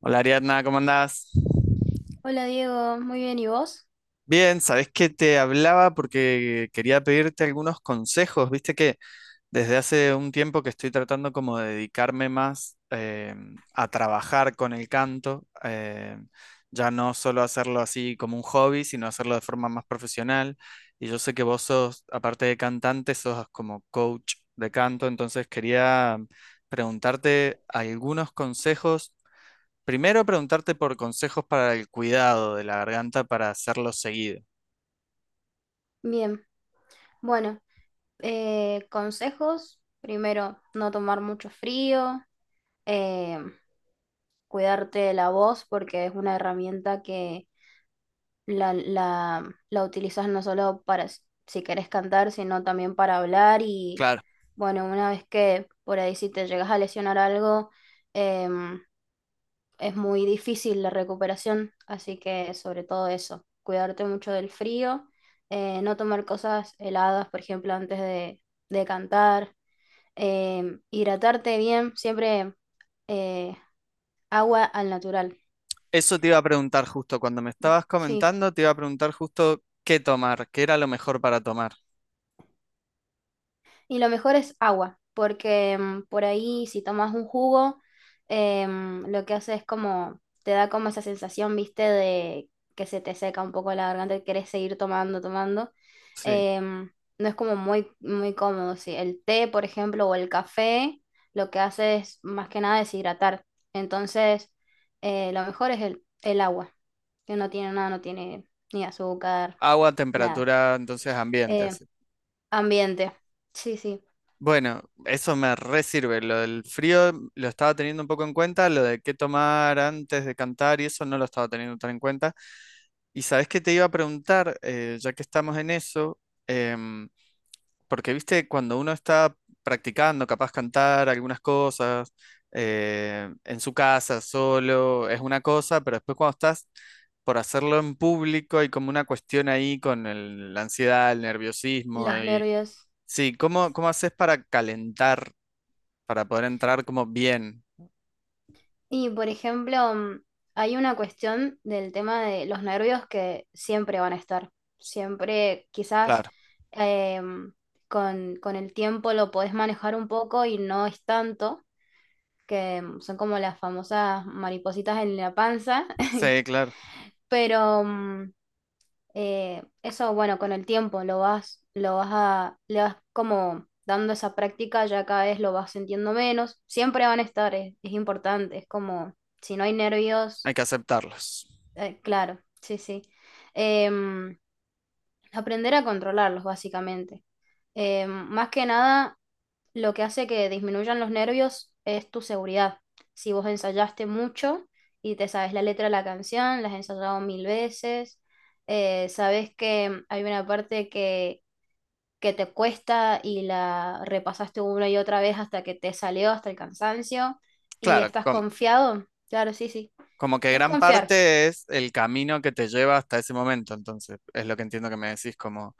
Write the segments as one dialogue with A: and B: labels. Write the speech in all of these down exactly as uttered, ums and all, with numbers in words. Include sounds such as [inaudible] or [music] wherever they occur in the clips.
A: Hola Ariadna, ¿cómo andás?
B: Hola Diego, muy bien, ¿y vos?
A: Bien, sabés que te hablaba porque quería pedirte algunos consejos. Viste que desde hace un tiempo que estoy tratando como de dedicarme más eh, a trabajar con el canto, eh, ya no solo hacerlo así como un hobby, sino hacerlo de forma más profesional. Y yo sé que vos sos, aparte de cantante, sos como coach de canto, entonces quería preguntarte algunos consejos. Primero preguntarte por consejos para el cuidado de la garganta para hacerlo seguido.
B: Bien, bueno, eh, consejos, primero, no tomar mucho frío, eh, cuidarte de la voz porque es una herramienta que la, la, la utilizas no solo para s- si querés cantar, sino también para hablar. Y
A: Claro,
B: bueno, una vez que por ahí si te llegas a lesionar algo, em, es muy difícil la recuperación, así que sobre todo eso, cuidarte mucho del frío, eh, no tomar cosas heladas, por ejemplo, antes de, de cantar, eh, hidratarte bien, siempre eh, agua al natural,
A: eso te iba a preguntar justo cuando me estabas
B: sí.
A: comentando, te iba a preguntar justo qué tomar, qué era lo mejor para tomar.
B: Y lo mejor es agua, porque mm, por ahí si tomas un jugo, em, lo que hace es como, te da como esa sensación, viste, de que se te seca un poco la garganta y querés seguir tomando, tomando.
A: Sí,
B: Em, no es como muy, muy cómodo, sí. El té, por ejemplo, o el café, lo que hace es más que nada deshidratar. Entonces, eh, lo mejor es el, el agua, que no tiene nada, no tiene ni azúcar,
A: agua,
B: nada.
A: temperatura, entonces ambiente,
B: Eh,
A: así.
B: ambiente, sí, sí.
A: Bueno, eso me re sirve. Lo del frío lo estaba teniendo un poco en cuenta, lo de qué tomar antes de cantar y eso no lo estaba teniendo tan en cuenta. Y sabes que te iba a preguntar, eh, ya que estamos en eso, em, porque, viste, cuando uno está practicando, capaz cantar algunas cosas, eh, en su casa, solo, es una cosa, pero después cuando estás por hacerlo en público hay como una cuestión ahí con el- la ansiedad, el nerviosismo
B: Los
A: y...
B: nervios.
A: Sí, ¿cómo, cómo haces para calentar, para poder entrar como bien?
B: Y por ejemplo, mm, hay una cuestión del tema de los nervios que siempre van a estar. Siempre, quizás
A: Claro,
B: em, con, con el tiempo lo podés manejar un poco y no es tanto, que mm, son como las famosas maripositas en la panza, [laughs]
A: sí, claro,
B: pero mm, Eh, eso, bueno, con el tiempo lo vas, lo vas a, le vas como dando esa práctica, ya cada vez lo vas sintiendo menos. Siempre van a estar, es, es importante, es como, si no hay
A: hay
B: nervios,
A: que aceptarlos.
B: eh, claro, sí, sí. Em, aprender a controlarlos, básicamente. Em, más que nada, lo que hace que disminuyan los nervios es tu seguridad. Si vos ensayaste mucho y te sabes la letra de la canción, la has ensayado mil veces, eh, sabes que hay una parte que, que te cuesta y la repasaste una y otra vez hasta que te salió, hasta el cansancio, y
A: Claro,
B: estás
A: com-
B: confiado, claro, sí, sí.
A: como que
B: Es
A: gran
B: confiar,
A: parte es el camino que te lleva hasta ese momento, entonces, es lo que entiendo que me decís como...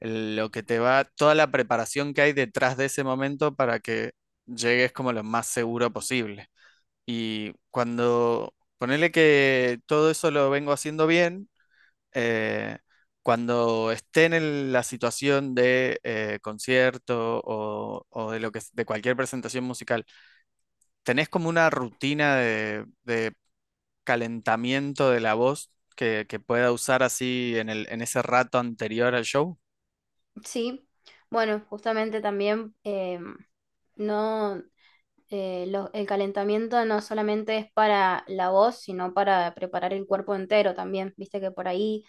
A: lo que te va, toda la preparación que hay detrás de ese momento para que llegues como lo más seguro posible. Y cuando ponele que todo eso lo vengo haciendo bien, eh, cuando esté en el- la situación de eh, concierto o, o de lo que, de cualquier presentación musical, ¿tenés como una rutina de, de calentamiento de la voz que, que pueda usar así en el, en ese rato anterior al show?
B: sí. Bueno, justamente también em, no, eh, lo- el calentamiento no solamente es para la voz, sino para preparar el cuerpo entero también. Viste que por ahí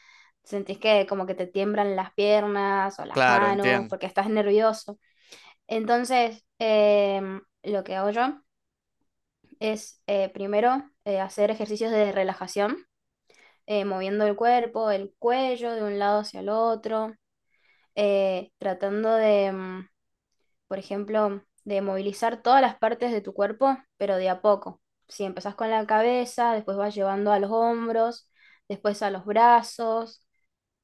B: sentís que como que te tiemblan las piernas o las
A: Claro,
B: manos
A: entiendo.
B: porque estás nervioso. Entonces, em, lo que hago yo es eh, primero eh, hacer ejercicios de relajación, eh, moviendo el cuerpo, el cuello de un lado hacia el otro, eh, tratando de, mm, por ejemplo, de movilizar todas las partes de tu cuerpo, pero de a poco. Si empezás con la cabeza, después vas llevando a los hombros, después a los brazos,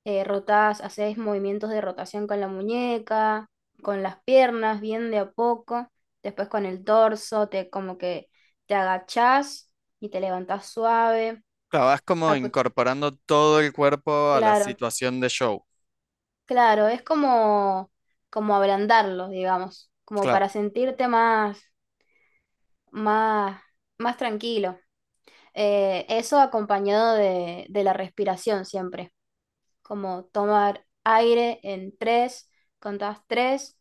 B: eh, rotás, hacés movimientos de rotación con la muñeca, con las piernas, bien de a poco, después con el torso, te como que te agachás y te levantás suave.
A: Claro, vas como
B: Acu-
A: incorporando todo el cuerpo a la
B: Claro,
A: situación de show.
B: claro, es como, como ablandarlos, digamos, como
A: Claro,
B: para sentirte más, más, más tranquilo. Eh, eso acompañado de, de la respiración siempre, como tomar aire en tres, contás tres,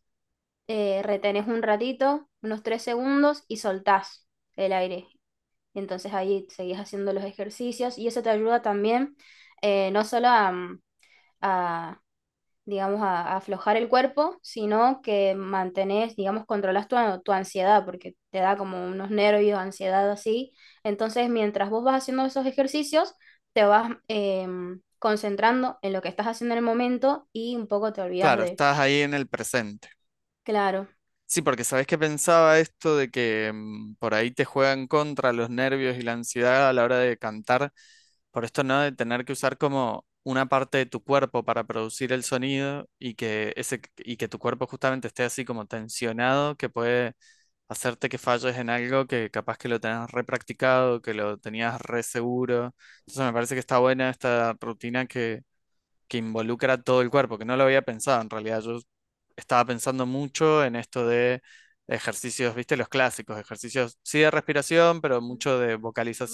B: eh, retenés un ratito, unos tres segundos y soltás el aire. Entonces ahí seguís haciendo los ejercicios y eso te ayuda también eh, no solo a, a digamos, a, a aflojar el cuerpo, sino que mantenés, digamos, controlás tu, tu ansiedad, porque te da como unos nervios, ansiedad así. Entonces, mientras vos vas haciendo esos ejercicios, te vas em, concentrando en lo que estás haciendo en el momento y un poco te olvidas
A: claro,
B: de,
A: estás ahí en el presente.
B: claro,
A: Sí, porque sabes que pensaba esto de que mm, por ahí te juegan contra los nervios y la ansiedad a la hora de cantar, por esto no de tener que usar como una parte de tu cuerpo para producir el sonido y que ese y que tu cuerpo justamente esté así como tensionado, que puede hacerte que falles en algo que capaz que lo tenías re practicado, que lo tenías re seguro. Entonces me parece que está buena esta rutina que involucra todo el cuerpo, que no lo había pensado en realidad. Yo estaba pensando mucho en esto de ejercicios, viste, los clásicos, ejercicios, sí de respiración, pero mucho de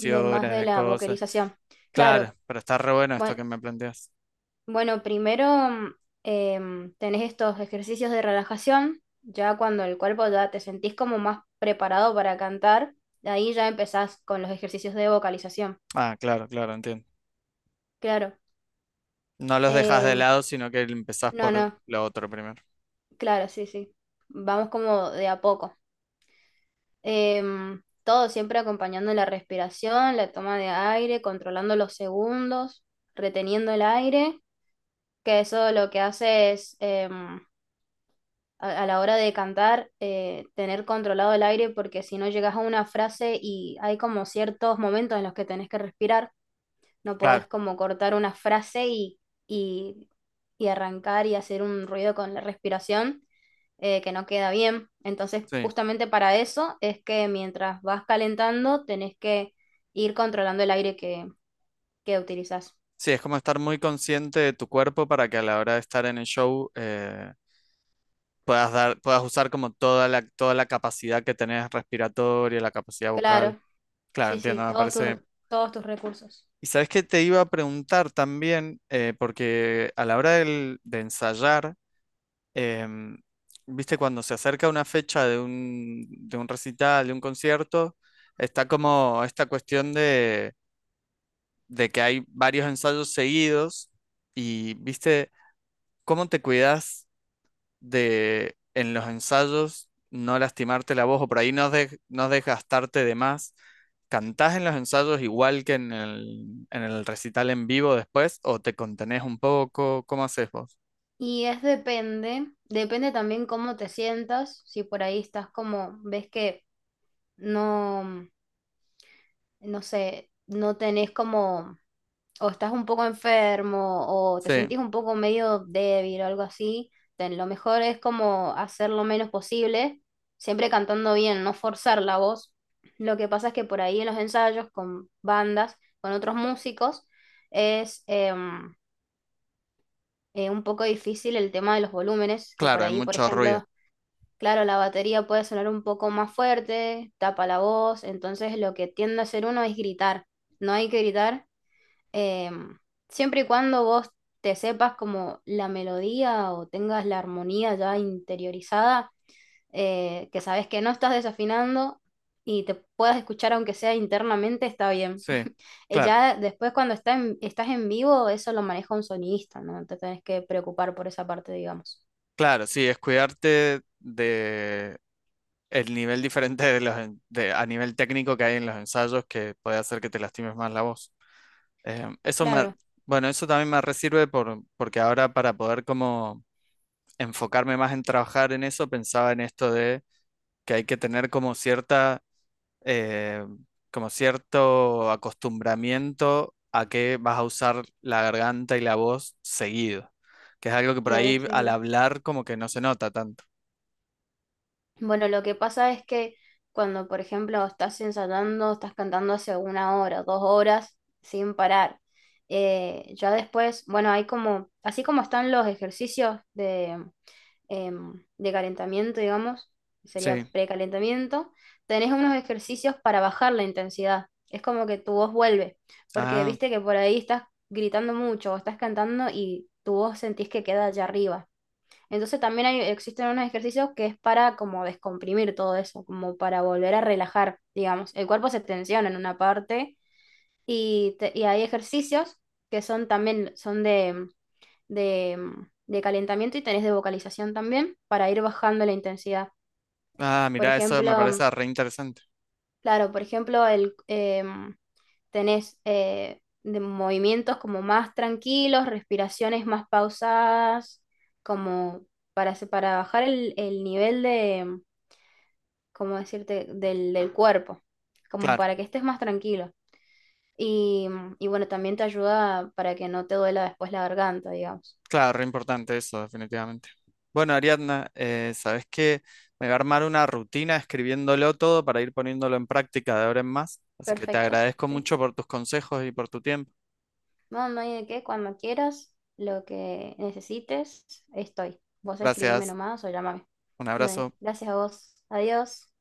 B: de más de
A: de
B: la
A: cosas.
B: vocalización. Claro,
A: Claro, pero está re bueno esto
B: bueno,
A: que me planteas.
B: bueno, primero mm, em, tenés estos ejercicios de relajación, ya cuando el cuerpo ya te sentís como más preparado para cantar, de ahí ya empezás con los ejercicios de vocalización.
A: Ah, claro, claro, entiendo.
B: Claro.
A: No los dejas de
B: Em,
A: lado, sino que empezás
B: no,
A: por
B: no,
A: lo otro primero.
B: claro, sí, sí. Vamos como de a poco. Em, todo siempre acompañando la respiración, la toma de aire, controlando los segundos, reteniendo el aire, que eso lo que hace es, em, a, a la hora de cantar, eh, tener controlado el aire, porque si no llegas a una frase y hay como ciertos momentos en los que tenés que respirar, no
A: Claro,
B: podés como cortar una frase y, y, y arrancar y hacer un ruido con la respiración eh, que no queda bien. Entonces,
A: sí.
B: justamente para eso es que mientras vas calentando, tenés que ir controlando el aire que, que utilizás.
A: Sí, es como estar muy consciente de tu cuerpo para que a la hora de estar en el show eh, puedas dar, puedas usar como toda la, toda la capacidad que tenés respiratoria, la capacidad vocal.
B: Claro,
A: Claro,
B: sí, sí,
A: entiendo, me
B: todos tus,
A: parece.
B: todos tus recursos.
A: Y sabes que te iba a preguntar también, eh, porque a la hora del- de ensayar, em, viste, cuando se acerca una fecha de un, de un recital, de un concierto, está como esta cuestión de, de que hay varios ensayos seguidos y, viste, ¿cómo te cuidas de en los ensayos no lastimarte la voz o por ahí no, de- no desgastarte de más? ¿Cantás en los ensayos igual que en el, en el recital en vivo después o te contenés un poco? ¿Cómo haces vos?
B: Y es depende, depende también cómo te sientas, si por ahí estás como, ves que no, no sé, no tenés como, o estás un poco enfermo, o te
A: Sí,
B: sentís un poco medio débil o algo así, ten- lo mejor es como hacer lo menos posible, siempre cantando bien, no forzar la voz. Lo que pasa es que por ahí en los ensayos con bandas, con otros músicos, es em, eh, un poco difícil el tema de los volúmenes, que
A: claro,
B: por
A: hay
B: ahí, por
A: mucho ruido.
B: ejemplo, Claro, la batería puede sonar un poco más fuerte, tapa la voz, entonces lo que tiende a hacer uno es gritar. No hay que gritar, eh, siempre y cuando vos te sepas como la melodía o tengas la armonía ya interiorizada, eh, que sabes que no estás desafinando y te puedas escuchar aunque sea internamente, está bien.
A: Sí,
B: [laughs] Eh,
A: claro,
B: Ya después cuando está en- estás en vivo, eso lo maneja un sonidista, no te tenés que preocupar por esa parte, digamos.
A: claro, sí, es cuidarte de el nivel diferente de los en- de- a nivel técnico que hay en los ensayos que puede hacer que te lastimes más la voz. Eh, eso me,
B: Claro,
A: bueno, eso también me resirve por, porque ahora para poder como enfocarme más en trabajar en eso, pensaba en esto de que hay que tener como cierta, eh, como cierto acostumbramiento a que vas a usar la garganta y la voz seguido, que es algo que por
B: claro,
A: ahí
B: sí,
A: al
B: sí.
A: hablar como que no se nota tanto.
B: Bueno, lo que pasa es que cuando, por ejemplo, estás ensayando, estás cantando hace una hora, dos horas, sin parar, eh, ya después, bueno, hay como, así como están los ejercicios de, em, de calentamiento, digamos, sería
A: Sí.
B: precalentamiento, tenés unos ejercicios para bajar la intensidad. Es como que tu voz vuelve, porque
A: Ah,
B: viste que por ahí estás gritando mucho o estás cantando y tu voz sentís que queda allá arriba. Entonces también hay, existen unos ejercicios que es para como descomprimir todo eso, como para volver a relajar, digamos. El cuerpo se tensiona en una parte y, te- y hay ejercicios que son también son de, de, de calentamiento y tenés de vocalización también para ir bajando la intensidad.
A: ah,
B: Por
A: mirá, eso
B: ejemplo,
A: me parece re interesante.
B: Claro, por ejemplo, el, em, tenés eh, de movimientos como más tranquilos, respiraciones más pausadas, como para, se- para bajar el, el nivel de, em, ¿cómo decirte?, del, del cuerpo, como
A: Claro.
B: para que estés más tranquilo. Y, y bueno, también te ayuda para que no te duela después la garganta, digamos.
A: Claro, re importante eso, definitivamente. Bueno, Ariadna, eh, ¿sabes qué? Me va a armar una rutina escribiéndolo todo para ir poniéndolo en práctica de ahora en más. Así que te
B: Perfecto,
A: agradezco
B: sí.
A: mucho por tus consejos y por tu tiempo.
B: Mamá, ¿y de qué? Cuando quieras, lo que necesites, estoy. Vos escribime
A: Gracias,
B: nomás o llámame.
A: un
B: Dale,
A: abrazo.
B: Gracias a vos. Adiós.